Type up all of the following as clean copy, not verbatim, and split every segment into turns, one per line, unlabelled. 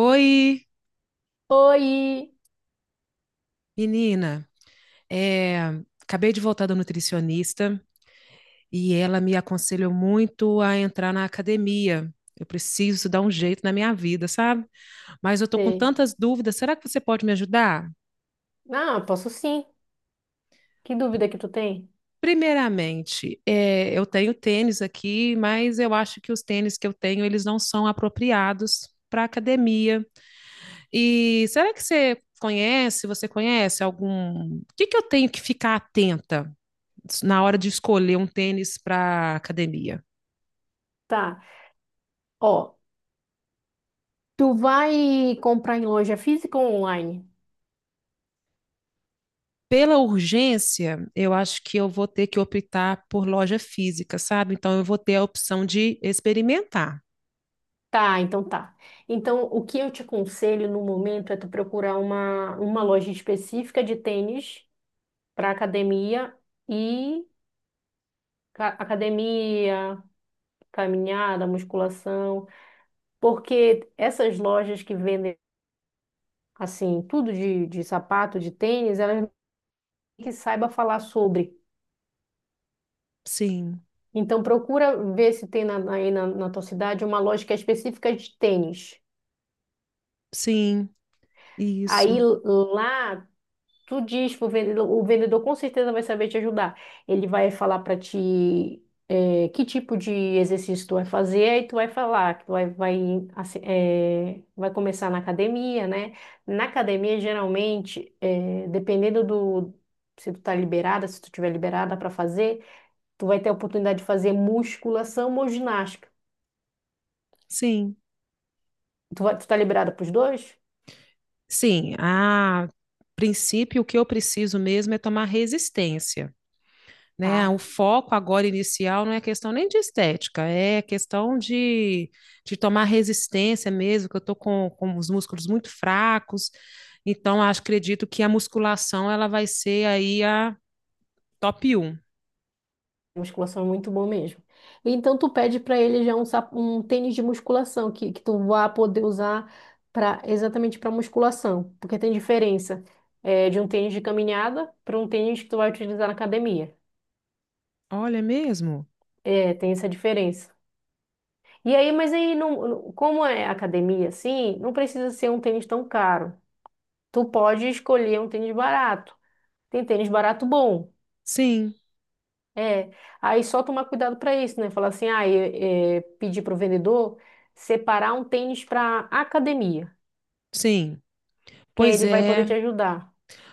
Oi,
Oi!
menina. É, acabei de voltar da nutricionista e ela me aconselhou muito a entrar na academia. Eu preciso dar um jeito na minha vida, sabe? Mas eu tô com
Sei.
tantas dúvidas. Será que você pode me ajudar?
Ah, posso sim. Que dúvida que tu tem?
Primeiramente, eu tenho tênis aqui, mas eu acho que os tênis que eu tenho, eles não são apropriados para academia. E será que você conhece algum... O que que eu tenho que ficar atenta na hora de escolher um tênis para academia?
Tá. Ó, tu vai comprar em loja física ou online?
Pela urgência, eu acho que eu vou ter que optar por loja física, sabe? Então eu vou ter a opção de experimentar.
Tá. Então, o que eu te aconselho no momento é tu procurar uma loja específica de tênis para academia e academia, caminhada, musculação, porque essas lojas que vendem assim, tudo de sapato, de tênis, elas que saiba falar sobre.
Sim,
Então procura ver se tem na tua cidade uma loja que é específica de tênis.
sim,
Aí
isso.
lá tu diz pro vendedor, o vendedor com certeza vai saber te ajudar. Ele vai falar para ti que tipo de exercício tu vai fazer, aí tu vai falar que assim, vai começar na academia, né? Na academia, geralmente, dependendo do se tu tá liberada, se tu tiver liberada para fazer, tu vai ter a oportunidade de fazer musculação ou ginástica.
Sim,
Tu tá liberada pros dois?
sim. A princípio, o que eu preciso mesmo é tomar resistência, né? O
Tá.
foco agora inicial não é questão nem de estética, é questão de tomar resistência mesmo, que eu estou com os músculos muito fracos. Então, acredito que a musculação ela vai ser aí a top um.
Musculação é muito bom mesmo. Então tu pede pra ele já um tênis de musculação que tu vá poder usar para exatamente para musculação, porque tem diferença de um tênis de caminhada para um tênis que tu vai utilizar na academia.
Olha, é mesmo?
É, tem essa diferença. E aí, mas aí não, não- como é academia assim, não precisa ser um tênis tão caro. Tu pode escolher um tênis barato. Tem tênis barato bom.
Sim,
É, aí só tomar cuidado para isso, né? Falar assim, pedir para o vendedor separar um tênis para academia,
sim.
que aí
Pois
ele vai poder te
é,
ajudar.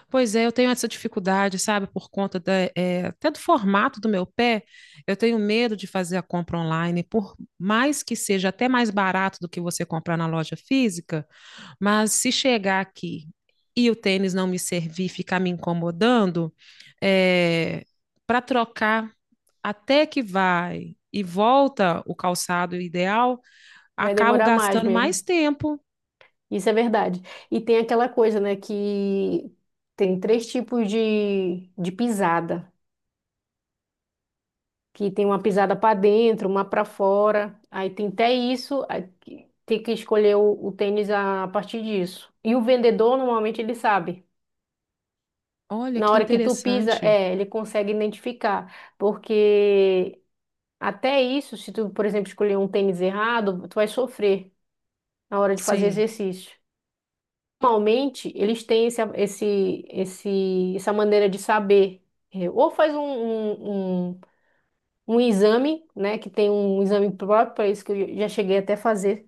pois é, eu tenho essa dificuldade, sabe, por conta da, até do formato do meu pé. Eu tenho medo de fazer a compra online, por mais que seja até mais barato do que você comprar na loja física. Mas se chegar aqui e o tênis não me servir, ficar me incomodando, é, para trocar até que vai e volta o calçado ideal,
Vai
acabo
demorar mais
gastando mais
mesmo.
tempo.
Isso é verdade. E tem aquela coisa, né, que tem três tipos de pisada, que tem uma pisada para dentro, uma para fora. Aí tem até isso, aí tem que escolher o tênis a partir disso. E o vendedor normalmente ele sabe.
Olha
Na
que
hora que tu pisa,
interessante.
ele consegue identificar, porque até isso, se tu, por exemplo, escolher um tênis errado, tu vai sofrer na hora de fazer
Sim,
exercício. Normalmente, eles têm essa maneira de saber. É, ou faz um exame, né, que tem um exame próprio para isso que eu já cheguei até a fazer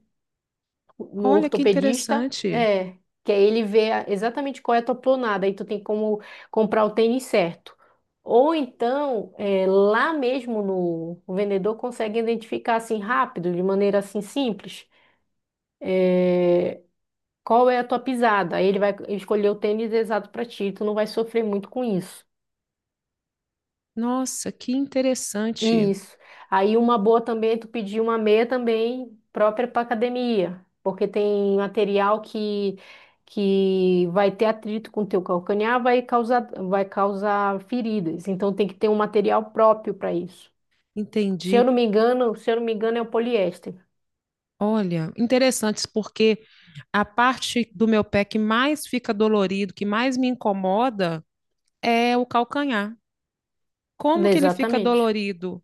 no
olha que
ortopedista,
interessante.
é, que aí exatamente qual é a tua pronada, aí tu tem como comprar o tênis certo. Ou então, é, lá mesmo no, o vendedor consegue identificar assim rápido, de maneira assim simples, é, qual é a tua pisada. Aí ele vai escolher o tênis exato para ti, tu não vai sofrer muito com isso.
Nossa, que interessante.
Isso. Aí uma boa também, é tu pedir uma meia também própria para academia, porque tem material que vai ter atrito com o teu calcanhar, vai causar feridas. Então tem que ter um material próprio para isso.
Entendi.
Se eu não me engano é o poliéster.
Olha, interessantes porque a parte do meu pé que mais fica dolorido, que mais me incomoda, é o calcanhar. Como que ele fica
Exatamente.
dolorido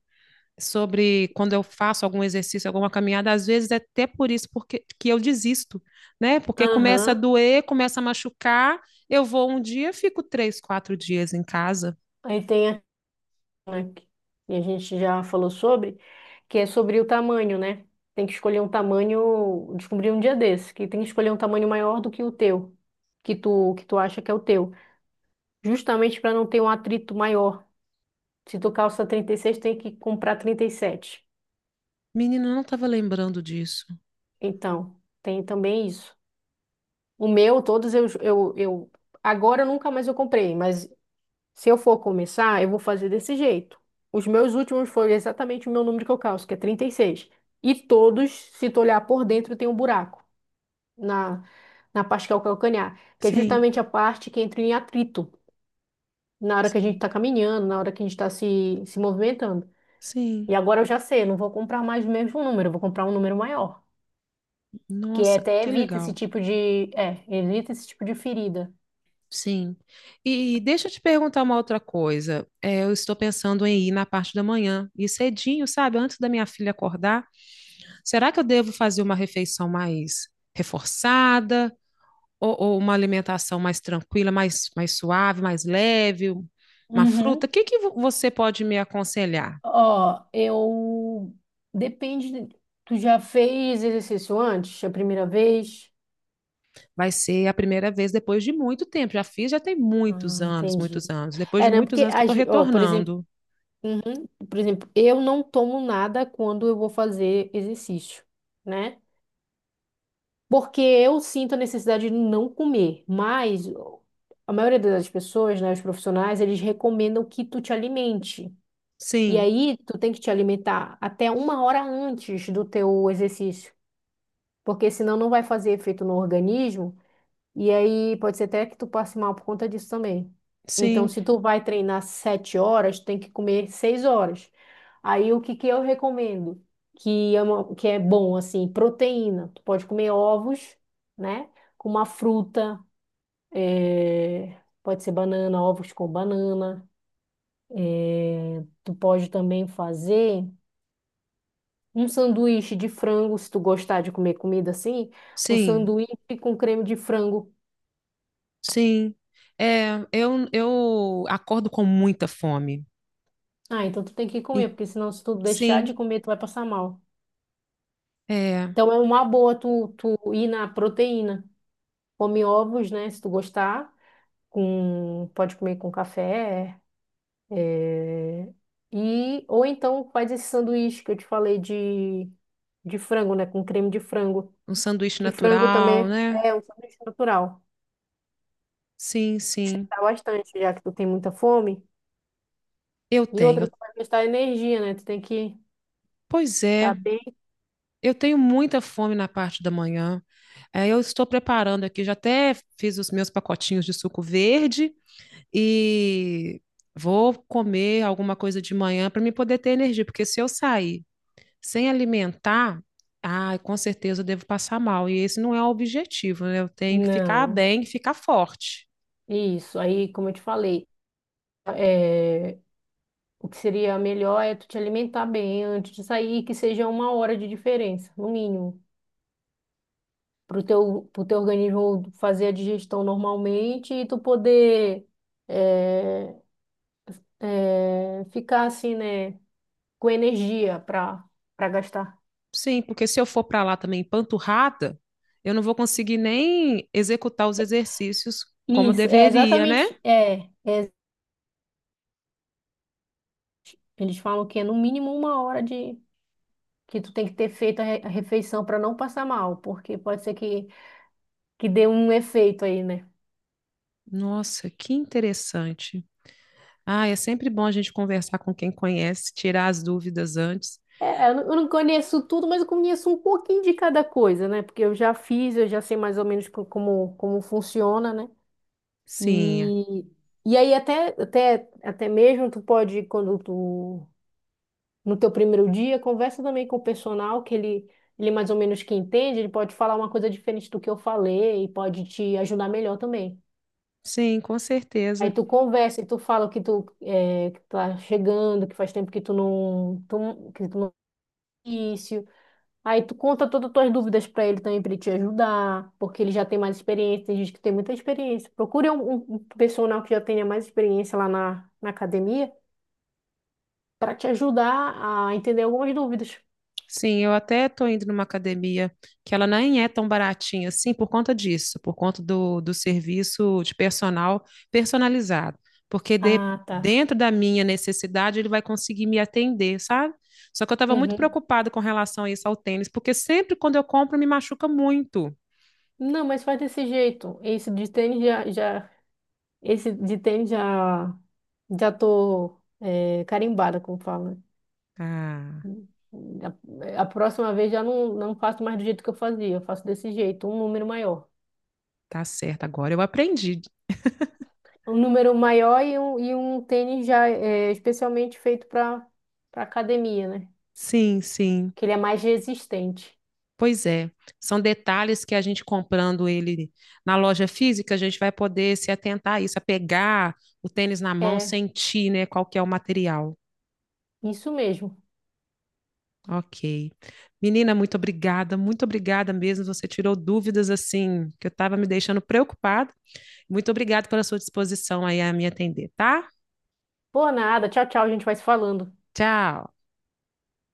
sobre quando eu faço algum exercício, alguma caminhada? Às vezes é até por isso que eu desisto, né? Porque começa a
Aham.
doer, começa a machucar. Eu vou um dia, fico 3, 4 dias em casa.
Aí tem né, que- E a gente já falou sobre, que é sobre o tamanho, né? Tem que escolher um tamanho, descobri um dia desse, que tem que escolher um tamanho maior do que o teu, que tu acha que é o teu, justamente para não ter um atrito maior. Se tu calça 36, tem que comprar 37.
Menina, eu não estava lembrando disso.
Então, tem também isso. O meu, todos eu agora nunca mais eu comprei, mas se eu for começar, eu vou fazer desse jeito. Os meus últimos foram exatamente o meu número que eu calço, que é 36. E seis. E todos, se tu olhar por dentro, tem um buraco na, na parte que é o calcanhar, que é
Sim,
justamente a parte que entra em atrito na hora que a gente
sim,
está caminhando, na hora que a gente está se movimentando. E
sim.
agora eu já sei, eu não vou comprar mais o mesmo número, eu vou comprar um número maior, que é
Nossa,
até
que
evita esse
legal.
tipo evita esse tipo de ferida.
Sim. E deixa eu te perguntar uma outra coisa. É, eu estou pensando em ir na parte da manhã, e cedinho, sabe? Antes da minha filha acordar, será que eu devo fazer uma refeição mais reforçada ou uma alimentação mais tranquila, mais suave, mais leve, uma fruta?
Uhum.
O que que você pode me aconselhar?
Ó, eu. Tu já fez exercício antes, a primeira vez?
Vai ser a primeira vez depois de muito tempo. Já fiz, já tem muitos
Ah,
anos,
entendi.
muitos anos. Depois
É,
de
né?
muitos
Porque,
anos que eu estou
por exemplo,
retornando.
uhum, por exemplo, eu não tomo nada quando eu vou fazer exercício, né? Porque eu sinto a necessidade de não comer, mas a maioria das pessoas, né, os profissionais, eles recomendam que tu te alimente. E
Sim,
aí, tu tem que te alimentar até uma hora antes do teu exercício, porque senão não vai fazer efeito no organismo, e aí pode ser até que tu passe mal por conta disso também. Então,
sim,
se tu vai treinar sete horas, tu tem que comer seis horas. Aí, o que que eu recomendo? Que é bom, assim, proteína. Tu pode comer ovos, né? Com uma fruta, pode ser banana, ovos com banana. Tu pode também fazer um sanduíche de frango, se tu gostar de comer comida assim, um
sim,
sanduíche com creme de frango.
sim. É, eu acordo com muita fome.
Ah, então tu tem que
E,
comer, porque senão se tu deixar
sim,
de comer, tu vai passar mal.
é
Então é uma boa tu ir na proteína. Come ovos, né? Se tu gostar, com, pode comer com café. é, E, ou então faz esse sanduíche que eu te falei de frango, né? Com creme de frango.
um sanduíche
Que frango
natural,
também
né?
é um sanduíche natural.
Sim, sim.
Sustentar bastante, já que tu tem muita fome.
Eu
E
tenho.
outra, tu vai gastar energia, né? Tu tem que
Pois
estar
é,
bem.
eu tenho muita fome na parte da manhã. É, eu estou preparando aqui, já até fiz os meus pacotinhos de suco verde e vou comer alguma coisa de manhã para me poder ter energia, porque se eu sair sem alimentar, ah, com certeza eu devo passar mal. E esse não é o objetivo, né? Eu tenho que ficar
Não,
bem, ficar forte.
isso. Aí, como eu te falei, é, o que seria melhor é tu te alimentar bem antes de sair, que seja uma hora de diferença, no mínimo, para pro teu organismo fazer a digestão normalmente e tu poder é, ficar assim, né? Com energia para gastar.
Sim, porque se eu for para lá também empanturrada, eu não vou conseguir nem executar os exercícios como eu
Isso, é
deveria, né?
exatamente. É, eles falam que é no mínimo uma hora de que tu tem que ter feito a refeição para não passar mal, porque pode ser que dê um efeito aí, né?
Nossa, que interessante. Ah, é sempre bom a gente conversar com quem conhece, tirar as dúvidas antes.
É, eu não conheço tudo, mas eu conheço um pouquinho de cada coisa, né? Porque eu já fiz, eu já sei mais ou menos como, como funciona, né?
Sim,
E, e aí até mesmo tu pode, quando tu, no teu primeiro dia, conversa também com o personal, que ele mais ou menos que entende, ele pode falar uma coisa diferente do que eu falei e pode te ajudar melhor também.
sim, com
Aí
certeza.
tu conversa e tu fala que que tá chegando, que faz tempo que tu, não- que tu não início. Aí tu conta todas as tuas dúvidas para ele também, para ele te ajudar, porque ele já tem mais experiência, tem gente que tem muita experiência. Procure um personal que já tenha mais experiência lá na, na academia para te ajudar a entender algumas dúvidas.
Sim, eu até estou indo numa academia que ela nem é tão baratinha assim por conta disso, por conta do, do serviço de personal personalizado. Porque de-
Ah, tá.
dentro da minha necessidade ele vai conseguir me atender, sabe? Só que eu estava muito
Uhum.
preocupada com relação a isso ao tênis, porque sempre quando eu compro me machuca muito.
Não, mas faz desse jeito. Esse de tênis já, já tô é, carimbada, como fala.
Ah.
A próxima vez já não faço mais do jeito que eu fazia, eu faço desse jeito, um número maior.
Tá certo, agora eu aprendi.
Um número maior e um tênis já é, especialmente feito para academia, né?
Sim, sim.
Que ele é mais resistente.
Pois é. São detalhes que a gente comprando ele na loja física, a gente vai poder se atentar a isso, a pegar o tênis na mão,
É,
sentir, né, qual que é o material.
isso mesmo.
Ok. Menina, muito obrigada mesmo. Você tirou dúvidas assim que eu estava me deixando preocupada. Muito obrigada pela sua disposição aí a me atender, tá?
Por nada, tchau, tchau, a gente vai se falando.
Tchau.